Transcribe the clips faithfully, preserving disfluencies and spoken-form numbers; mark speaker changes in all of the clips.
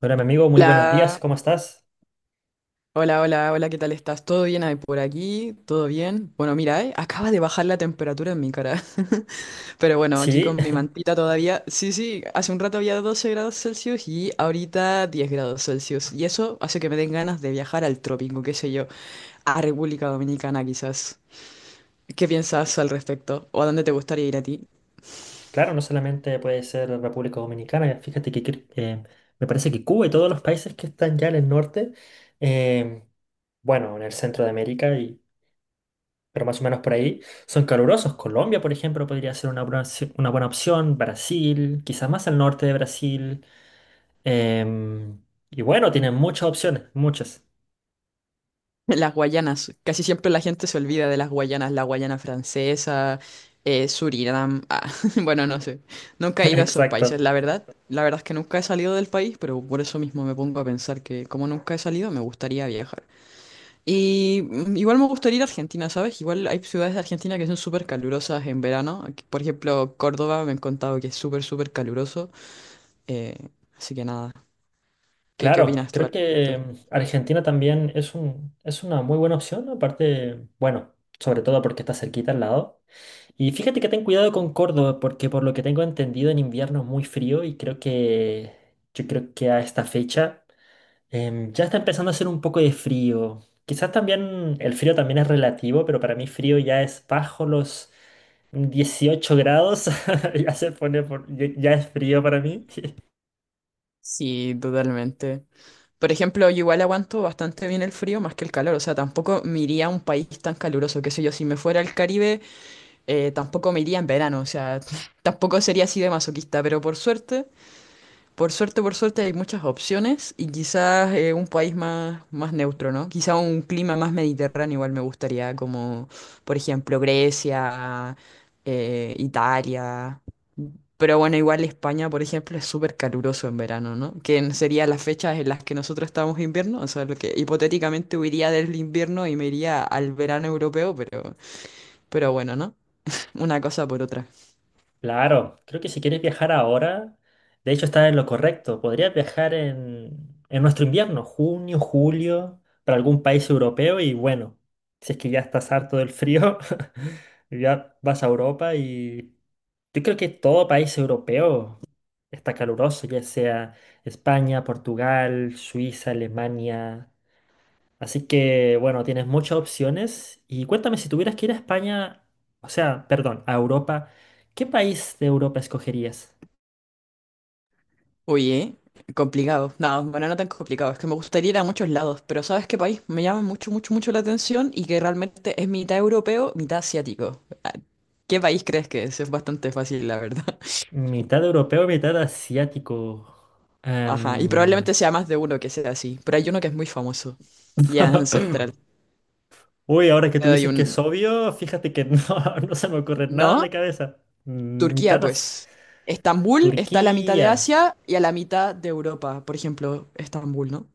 Speaker 1: Hola, mi amigo, muy buenos días,
Speaker 2: Hola,
Speaker 1: ¿cómo estás?
Speaker 2: hola, hola, hola, ¿qué tal estás? ¿Todo bien ahí por aquí? ¿Todo bien? Bueno, mira, eh, acaba de bajar la temperatura en mi cara. Pero bueno, aquí
Speaker 1: Sí,
Speaker 2: con mi mantita todavía. Sí, sí, hace un rato había doce grados Celsius y ahorita diez grados Celsius. Y eso hace que me den ganas de viajar al trópico, qué sé yo, a República Dominicana quizás. ¿Qué piensas al respecto? ¿O a dónde te gustaría ir a ti?
Speaker 1: claro, no solamente puede ser República Dominicana, fíjate que cre- eh, me parece que Cuba y todos los países que están ya en el norte, em, bueno, en el centro de América, y, pero más o menos por ahí, son calurosos. Colombia, por ejemplo, podría ser una buena, opci- una buena opción. Brasil, quizás más al norte de Brasil, em, y bueno, tienen muchas opciones, muchas.
Speaker 2: Las Guayanas, casi siempre la gente se olvida de las Guayanas, la Guayana Francesa, eh, Surinam, ah, bueno, no sé, nunca he ido a esos
Speaker 1: Exacto.
Speaker 2: países, la verdad, la verdad es que nunca he salido del país, pero por eso mismo me pongo a pensar que como nunca he salido, me gustaría viajar. Y mm, igual me gustaría ir a Argentina, ¿sabes? Igual hay ciudades de Argentina que son súper calurosas en verano, aquí, por ejemplo, Córdoba me han contado que es súper, súper caluroso, eh, así que nada, ¿qué, qué
Speaker 1: Claro,
Speaker 2: opinas tú
Speaker 1: creo
Speaker 2: al
Speaker 1: que
Speaker 2: respecto?
Speaker 1: mm, Argentina también es un, es una muy buena opción, aparte, bueno, sobre todo porque está cerquita al lado. Y fíjate que ten cuidado con Córdoba, porque por lo que tengo entendido en invierno es muy frío y creo que yo creo que a esta fecha em, ya está empezando a hacer un poco de frío. Quizás también el frío también es relativo, pero para mí frío ya es bajo los dieciocho grados, ya se pone por, ya ya es frío para mí.
Speaker 2: Sí, totalmente. Por ejemplo, yo igual aguanto bastante bien el frío más que el calor, o sea, tampoco me iría a un país tan caluroso, qué sé yo, si me fuera al Caribe, eh, tampoco me iría en verano, o sea, tampoco sería así de masoquista, pero por suerte por suerte, por suerte hay muchas opciones y quizás eh, un país más, más neutro, ¿no? Quizás un clima más mediterráneo igual me gustaría, como por ejemplo Grecia, eh, Italia. Pero bueno, igual España, por ejemplo, es súper caluroso en verano, ¿no? Que en- serían las fechas en las que nosotros estamos en invierno, o sea, lo que hipotéticamente huiría del invierno y me iría al verano europeo, pero, pero bueno, ¿no? Una cosa por otra.
Speaker 1: Claro, creo que si quieres viajar ahora, de hecho está en lo correcto. Podrías viajar en, en nuestro invierno, junio, julio, para algún país europeo y bueno, si es que ya estás harto del frío, ya vas a Europa y yo creo que todo país europeo está caluroso, ya sea España, Portugal, Suiza, Alemania. Así que, bueno, tienes muchas opciones. Y cuéntame, si tuvieras que ir a España, o sea, perdón, a Europa, ¿qué país de Europa escogerías?
Speaker 2: Oye, complicado. No, bueno, no tan complicado. Es que me gustaría ir a muchos lados, pero ¿sabes qué país me llama mucho, mucho, mucho la atención y que realmente es mitad europeo, mitad asiático? Ah, ¿qué país crees que es? Es bastante fácil, la verdad.
Speaker 1: Mitad europeo, mitad asiático.
Speaker 2: Ajá, y
Speaker 1: Em,
Speaker 2: probablemente sea más de uno que sea así, pero hay uno que es muy famoso y es ancestral.
Speaker 1: Uy, ahora que tú
Speaker 2: Te doy
Speaker 1: dices que es
Speaker 2: un...
Speaker 1: obvio, fíjate que no, no se me ocurre nada en la
Speaker 2: ¿No?
Speaker 1: cabeza. Mm,
Speaker 2: Turquía,
Speaker 1: Mitad asi-
Speaker 2: pues. Estambul está a la mitad de
Speaker 1: Turquía.
Speaker 2: Asia y a la mitad de Europa, por ejemplo, Estambul, ¿no?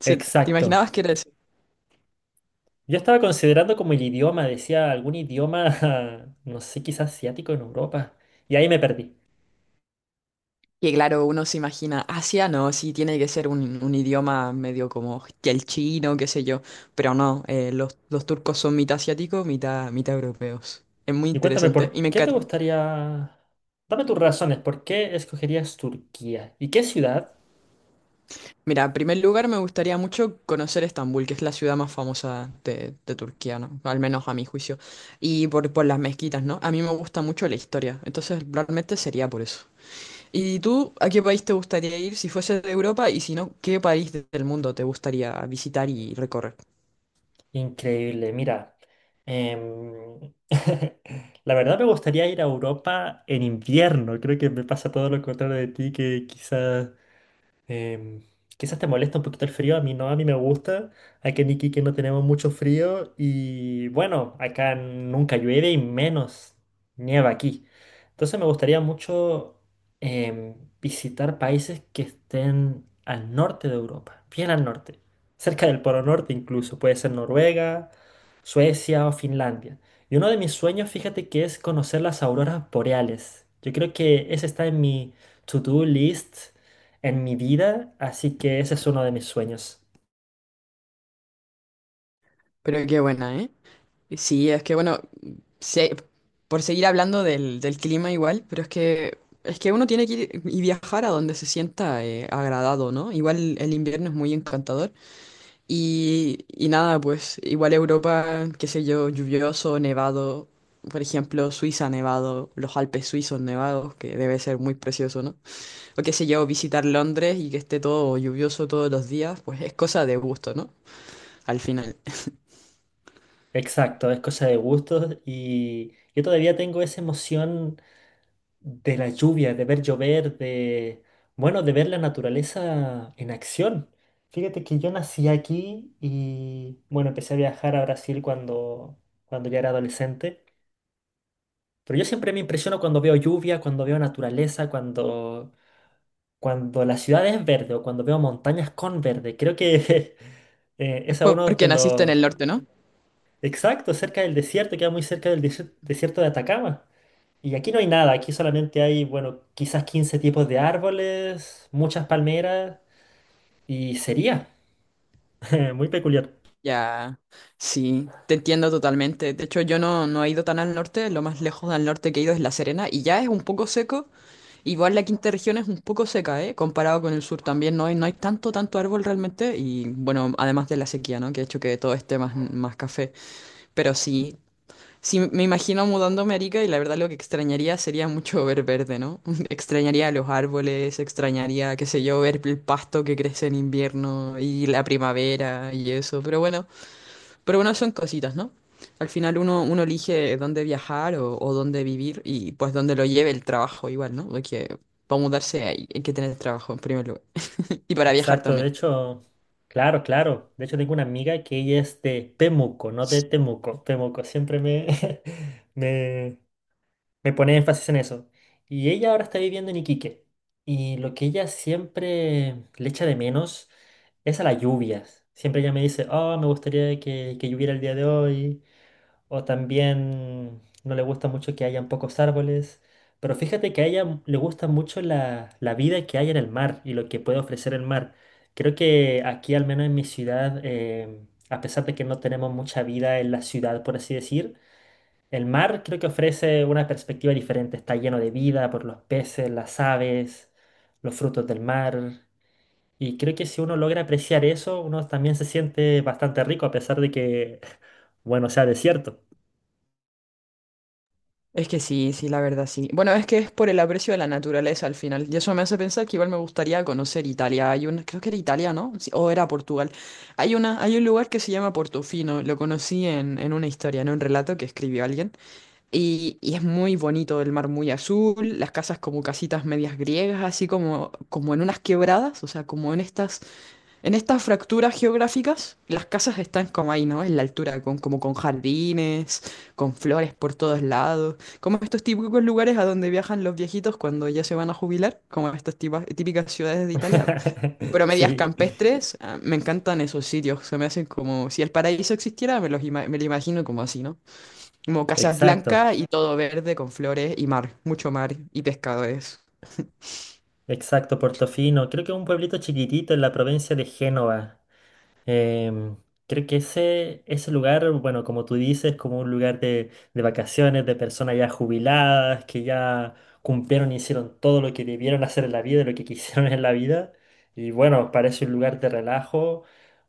Speaker 2: Sí, ¿te
Speaker 1: Exacto.
Speaker 2: imaginabas que era?
Speaker 1: Yo estaba considerando como el idioma, decía algún idioma, no sé, quizás asiático en Europa. Y ahí me perdí.
Speaker 2: Y claro, uno se imagina, Asia no, sí tiene que ser un, un idioma medio como el chino, qué sé yo, pero no, eh, los, los turcos son mitad asiáticos, mitad, mitad europeos. Es muy
Speaker 1: Y cuéntame,
Speaker 2: interesante y
Speaker 1: ¿por
Speaker 2: me
Speaker 1: qué te
Speaker 2: encanta.
Speaker 1: gustaría... Dame tus razones, ¿por qué escogerías Turquía? ¿Y qué ciudad?
Speaker 2: Mira, en primer lugar me gustaría mucho conocer Estambul, que es la ciudad más famosa de, de Turquía, ¿no? Al menos a mi juicio. Y por, por las mezquitas, ¿no? A mí me gusta mucho la historia, entonces realmente sería por eso. ¿Y tú a qué país te gustaría ir si fuese de Europa y si no, qué país de- del mundo te gustaría visitar y recorrer?
Speaker 1: Increíble, mira. em, La verdad me gustaría ir a Europa en invierno. Creo que me pasa todo lo contrario de ti, que quizás Em, quizás te molesta un poquito el frío, a mí no, a mí me gusta. Aquí en Iquique no tenemos mucho frío y bueno, acá nunca llueve y menos nieva aquí. Entonces me gustaría mucho em, visitar países que estén al norte de Europa, bien al norte, cerca del Polo Norte incluso, puede ser Noruega, Suecia o Finlandia. Y uno de mis sueños, fíjate que es conocer las auroras boreales. Yo creo que ese está en mi to-do list en mi vida, así que ese es uno de mis sueños.
Speaker 2: Pero qué buena, ¿eh? Sí, es que bueno, se- por seguir hablando del, del clima igual, pero es que es que uno tiene que ir y viajar a donde se sienta eh, agradado, ¿no? Igual el invierno es muy encantador y, y nada, pues igual Europa, qué sé yo, lluvioso, nevado, por ejemplo, Suiza nevado, los Alpes suizos nevados, que debe ser muy precioso, ¿no? O qué sé yo, visitar Londres y que esté todo lluvioso todos los días, pues es cosa de gusto, ¿no? Al final.
Speaker 1: Exacto, es cosa de gustos y yo todavía tengo esa emoción de la lluvia, de ver llover, de, bueno, de ver la naturaleza en acción. Fíjate que yo nací aquí y, bueno, empecé a viajar a Brasil cuando, cuando ya era adolescente, pero yo siempre me impresiono cuando veo lluvia, cuando veo naturaleza, cuando, cuando la ciudad es verde o cuando veo montañas con verde. Creo que... Eh,
Speaker 2: Es
Speaker 1: es uno de
Speaker 2: porque naciste en
Speaker 1: los,
Speaker 2: el norte, ¿no?
Speaker 1: Exacto, cerca del desierto, queda muy cerca del desier- desierto de Atacama. Y aquí no hay nada, aquí solamente hay, bueno, quizás quince tipos de árboles, muchas palmeras y sería muy peculiar.
Speaker 2: Ya, sí, te entiendo totalmente. De hecho, yo no, no he ido tan al norte, lo más lejos al norte que he ido es La Serena y ya es un poco seco. Igual la quinta región es un poco seca, ¿eh? Comparado con el sur también, no hay, no hay tanto, tanto árbol realmente y bueno, además de la sequía, ¿no? Que ha hecho que todo esté más, más café. Pero sí, sí, me imagino mudándome a Arica y la verdad lo que extrañaría sería mucho ver verde, ¿no? Extrañaría los árboles, extrañaría, qué sé yo, ver el pasto que crece en invierno y la primavera y eso, pero bueno. Pero bueno, son cositas, ¿no? Al final uno, uno elige dónde viajar o, o dónde vivir y pues dónde lo lleve el trabajo igual, ¿no? Porque para mudarse hay, hay que tener trabajo en primer lugar. Y para viajar
Speaker 1: Exacto, de
Speaker 2: también.
Speaker 1: hecho, claro, claro. De hecho, tengo una amiga que ella es de Temuco, no de Temuco. Temuco, siempre me, me, me pone énfasis en eso. Y ella ahora está viviendo en Iquique. Y lo que ella siempre le echa de menos es a las lluvias. Siempre ella me dice, oh, me gustaría que, que lloviera el día de hoy. O también no le gusta mucho que hayan pocos árboles. Pero fíjate que a ella le gusta mucho la, la vida que hay en el mar y lo que puede ofrecer el mar. Creo que aquí, al menos en mi ciudad, eh, a pesar de que no tenemos mucha vida en la ciudad, por así decir, el mar creo que ofrece una perspectiva diferente, está lleno de vida por los peces, las aves, los frutos del mar. Y creo que si uno logra apreciar eso, uno también se siente bastante rico a pesar de que, bueno, sea desierto.
Speaker 2: Es que sí, sí, la verdad sí. Bueno, es que es por el aprecio de la naturaleza al final. Y eso me hace pensar que igual me gustaría conocer Italia. Hay una, creo que era Italia, ¿no? Sí, o era Portugal. Hay una, hay un lugar que se llama Portofino. Lo conocí en, en una historia, en un relato que escribió alguien. Y, y es muy bonito el mar muy azul, las casas como casitas medias griegas, así como, como en unas quebradas, o sea, como en estas, en estas fracturas geográficas, las casas están como ahí, ¿no? En la altura, con, como con jardines, con flores por todos lados, como estos típicos lugares a donde viajan los viejitos cuando ya se van a jubilar, como estas tipas- típicas ciudades de Italia. Pero medias
Speaker 1: Sí,
Speaker 2: campestres, ah, me encantan esos sitios, se me hacen como, si el paraíso existiera, me los ima- me lo imagino como así, ¿no? Como casas
Speaker 1: exacto,
Speaker 2: blancas y todo verde con flores y mar, mucho mar y pescadores.
Speaker 1: exacto, Portofino. Creo que es un pueblito chiquitito en la provincia de Génova. Em, creo que ese, ese lugar, bueno, como tú dices, como un lugar de, de vacaciones, de personas ya jubiladas, que ya cumplieron y hicieron todo lo que debieron hacer en la vida, y lo que quisieron en la vida. Y bueno, parece un lugar de relajo,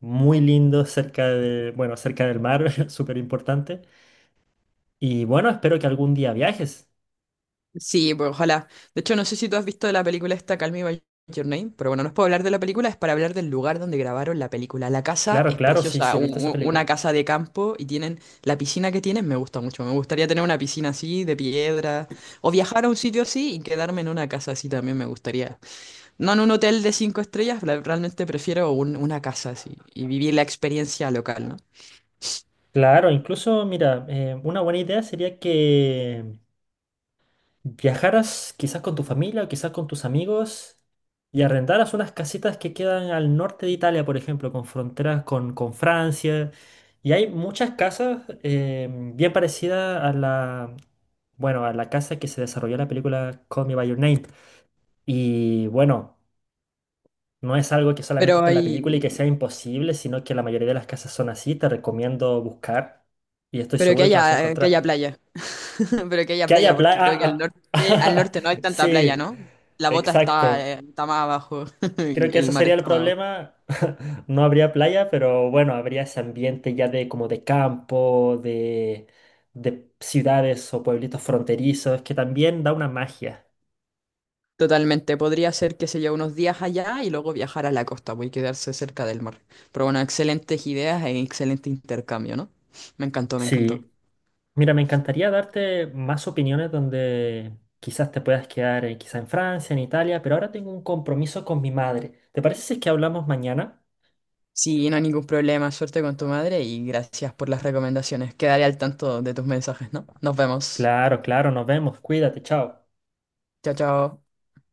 Speaker 1: muy lindo, cerca de, bueno, cerca del mar, súper importante. Y bueno, espero que algún día viajes.
Speaker 2: Sí, pues ojalá. De hecho, no sé si tú has visto la película esta, Call Me By Your Name, pero bueno, no es para hablar de la película, es para hablar del lugar donde grabaron la película. La casa
Speaker 1: Claro,
Speaker 2: es
Speaker 1: claro, sí, sí,
Speaker 2: preciosa,
Speaker 1: he
Speaker 2: u-
Speaker 1: visto esa
Speaker 2: u- una
Speaker 1: película.
Speaker 2: casa de campo y tienen la piscina que tienen, me gusta mucho. Me gustaría tener una piscina así, de piedra, o viajar a un sitio así y quedarme en una casa así también me gustaría. No en un hotel de cinco estrellas, la- realmente prefiero un- una casa así y vivir la experiencia local, ¿no?
Speaker 1: Claro, incluso, mira, eh, una buena idea sería que viajaras quizás con tu familia o quizás con tus amigos y arrendaras unas casitas que quedan al norte de Italia, por ejemplo, con fronteras con, con Francia. Y hay muchas casas eh, bien parecidas a la, bueno, a la casa que se desarrolló en la película Call Me By Your Name. Y bueno, no es algo que solamente
Speaker 2: Pero
Speaker 1: esté en la
Speaker 2: hay,
Speaker 1: película y que sea imposible, sino que la mayoría de las casas son así. Te recomiendo buscar y estoy
Speaker 2: pero que
Speaker 1: seguro que vas a
Speaker 2: haya, que haya
Speaker 1: encontrar.
Speaker 2: playa. Pero que haya
Speaker 1: Que
Speaker 2: playa,
Speaker 1: haya
Speaker 2: porque creo que al
Speaker 1: playa.
Speaker 2: norte, al norte no hay tanta playa,
Speaker 1: Sí,
Speaker 2: ¿no? La bota está,
Speaker 1: exacto.
Speaker 2: eh, está más abajo.
Speaker 1: Creo que
Speaker 2: El
Speaker 1: ese
Speaker 2: mar
Speaker 1: sería el
Speaker 2: está más abajo.
Speaker 1: problema. No habría playa, pero bueno, habría ese ambiente ya de como de campo, de, de ciudades o pueblitos fronterizos, que también da una magia.
Speaker 2: Totalmente. Podría ser, que se lleve unos días allá y luego viajar a la costa, voy a quedarse cerca del mar. Pero bueno, excelentes ideas e excelente intercambio, ¿no? Me encantó, me encantó.
Speaker 1: Sí, mira, me encantaría darte más opiniones donde quizás te puedas quedar, eh, quizá en Francia, en Italia, pero ahora tengo un compromiso con mi madre. ¿Te parece si es que hablamos mañana?
Speaker 2: Sí, no hay ningún problema. Suerte con tu madre y gracias por las recomendaciones. Quedaré al tanto de tus mensajes, ¿no? Nos vemos.
Speaker 1: Claro, claro, nos vemos. Cuídate, chao.
Speaker 2: Chao, chao.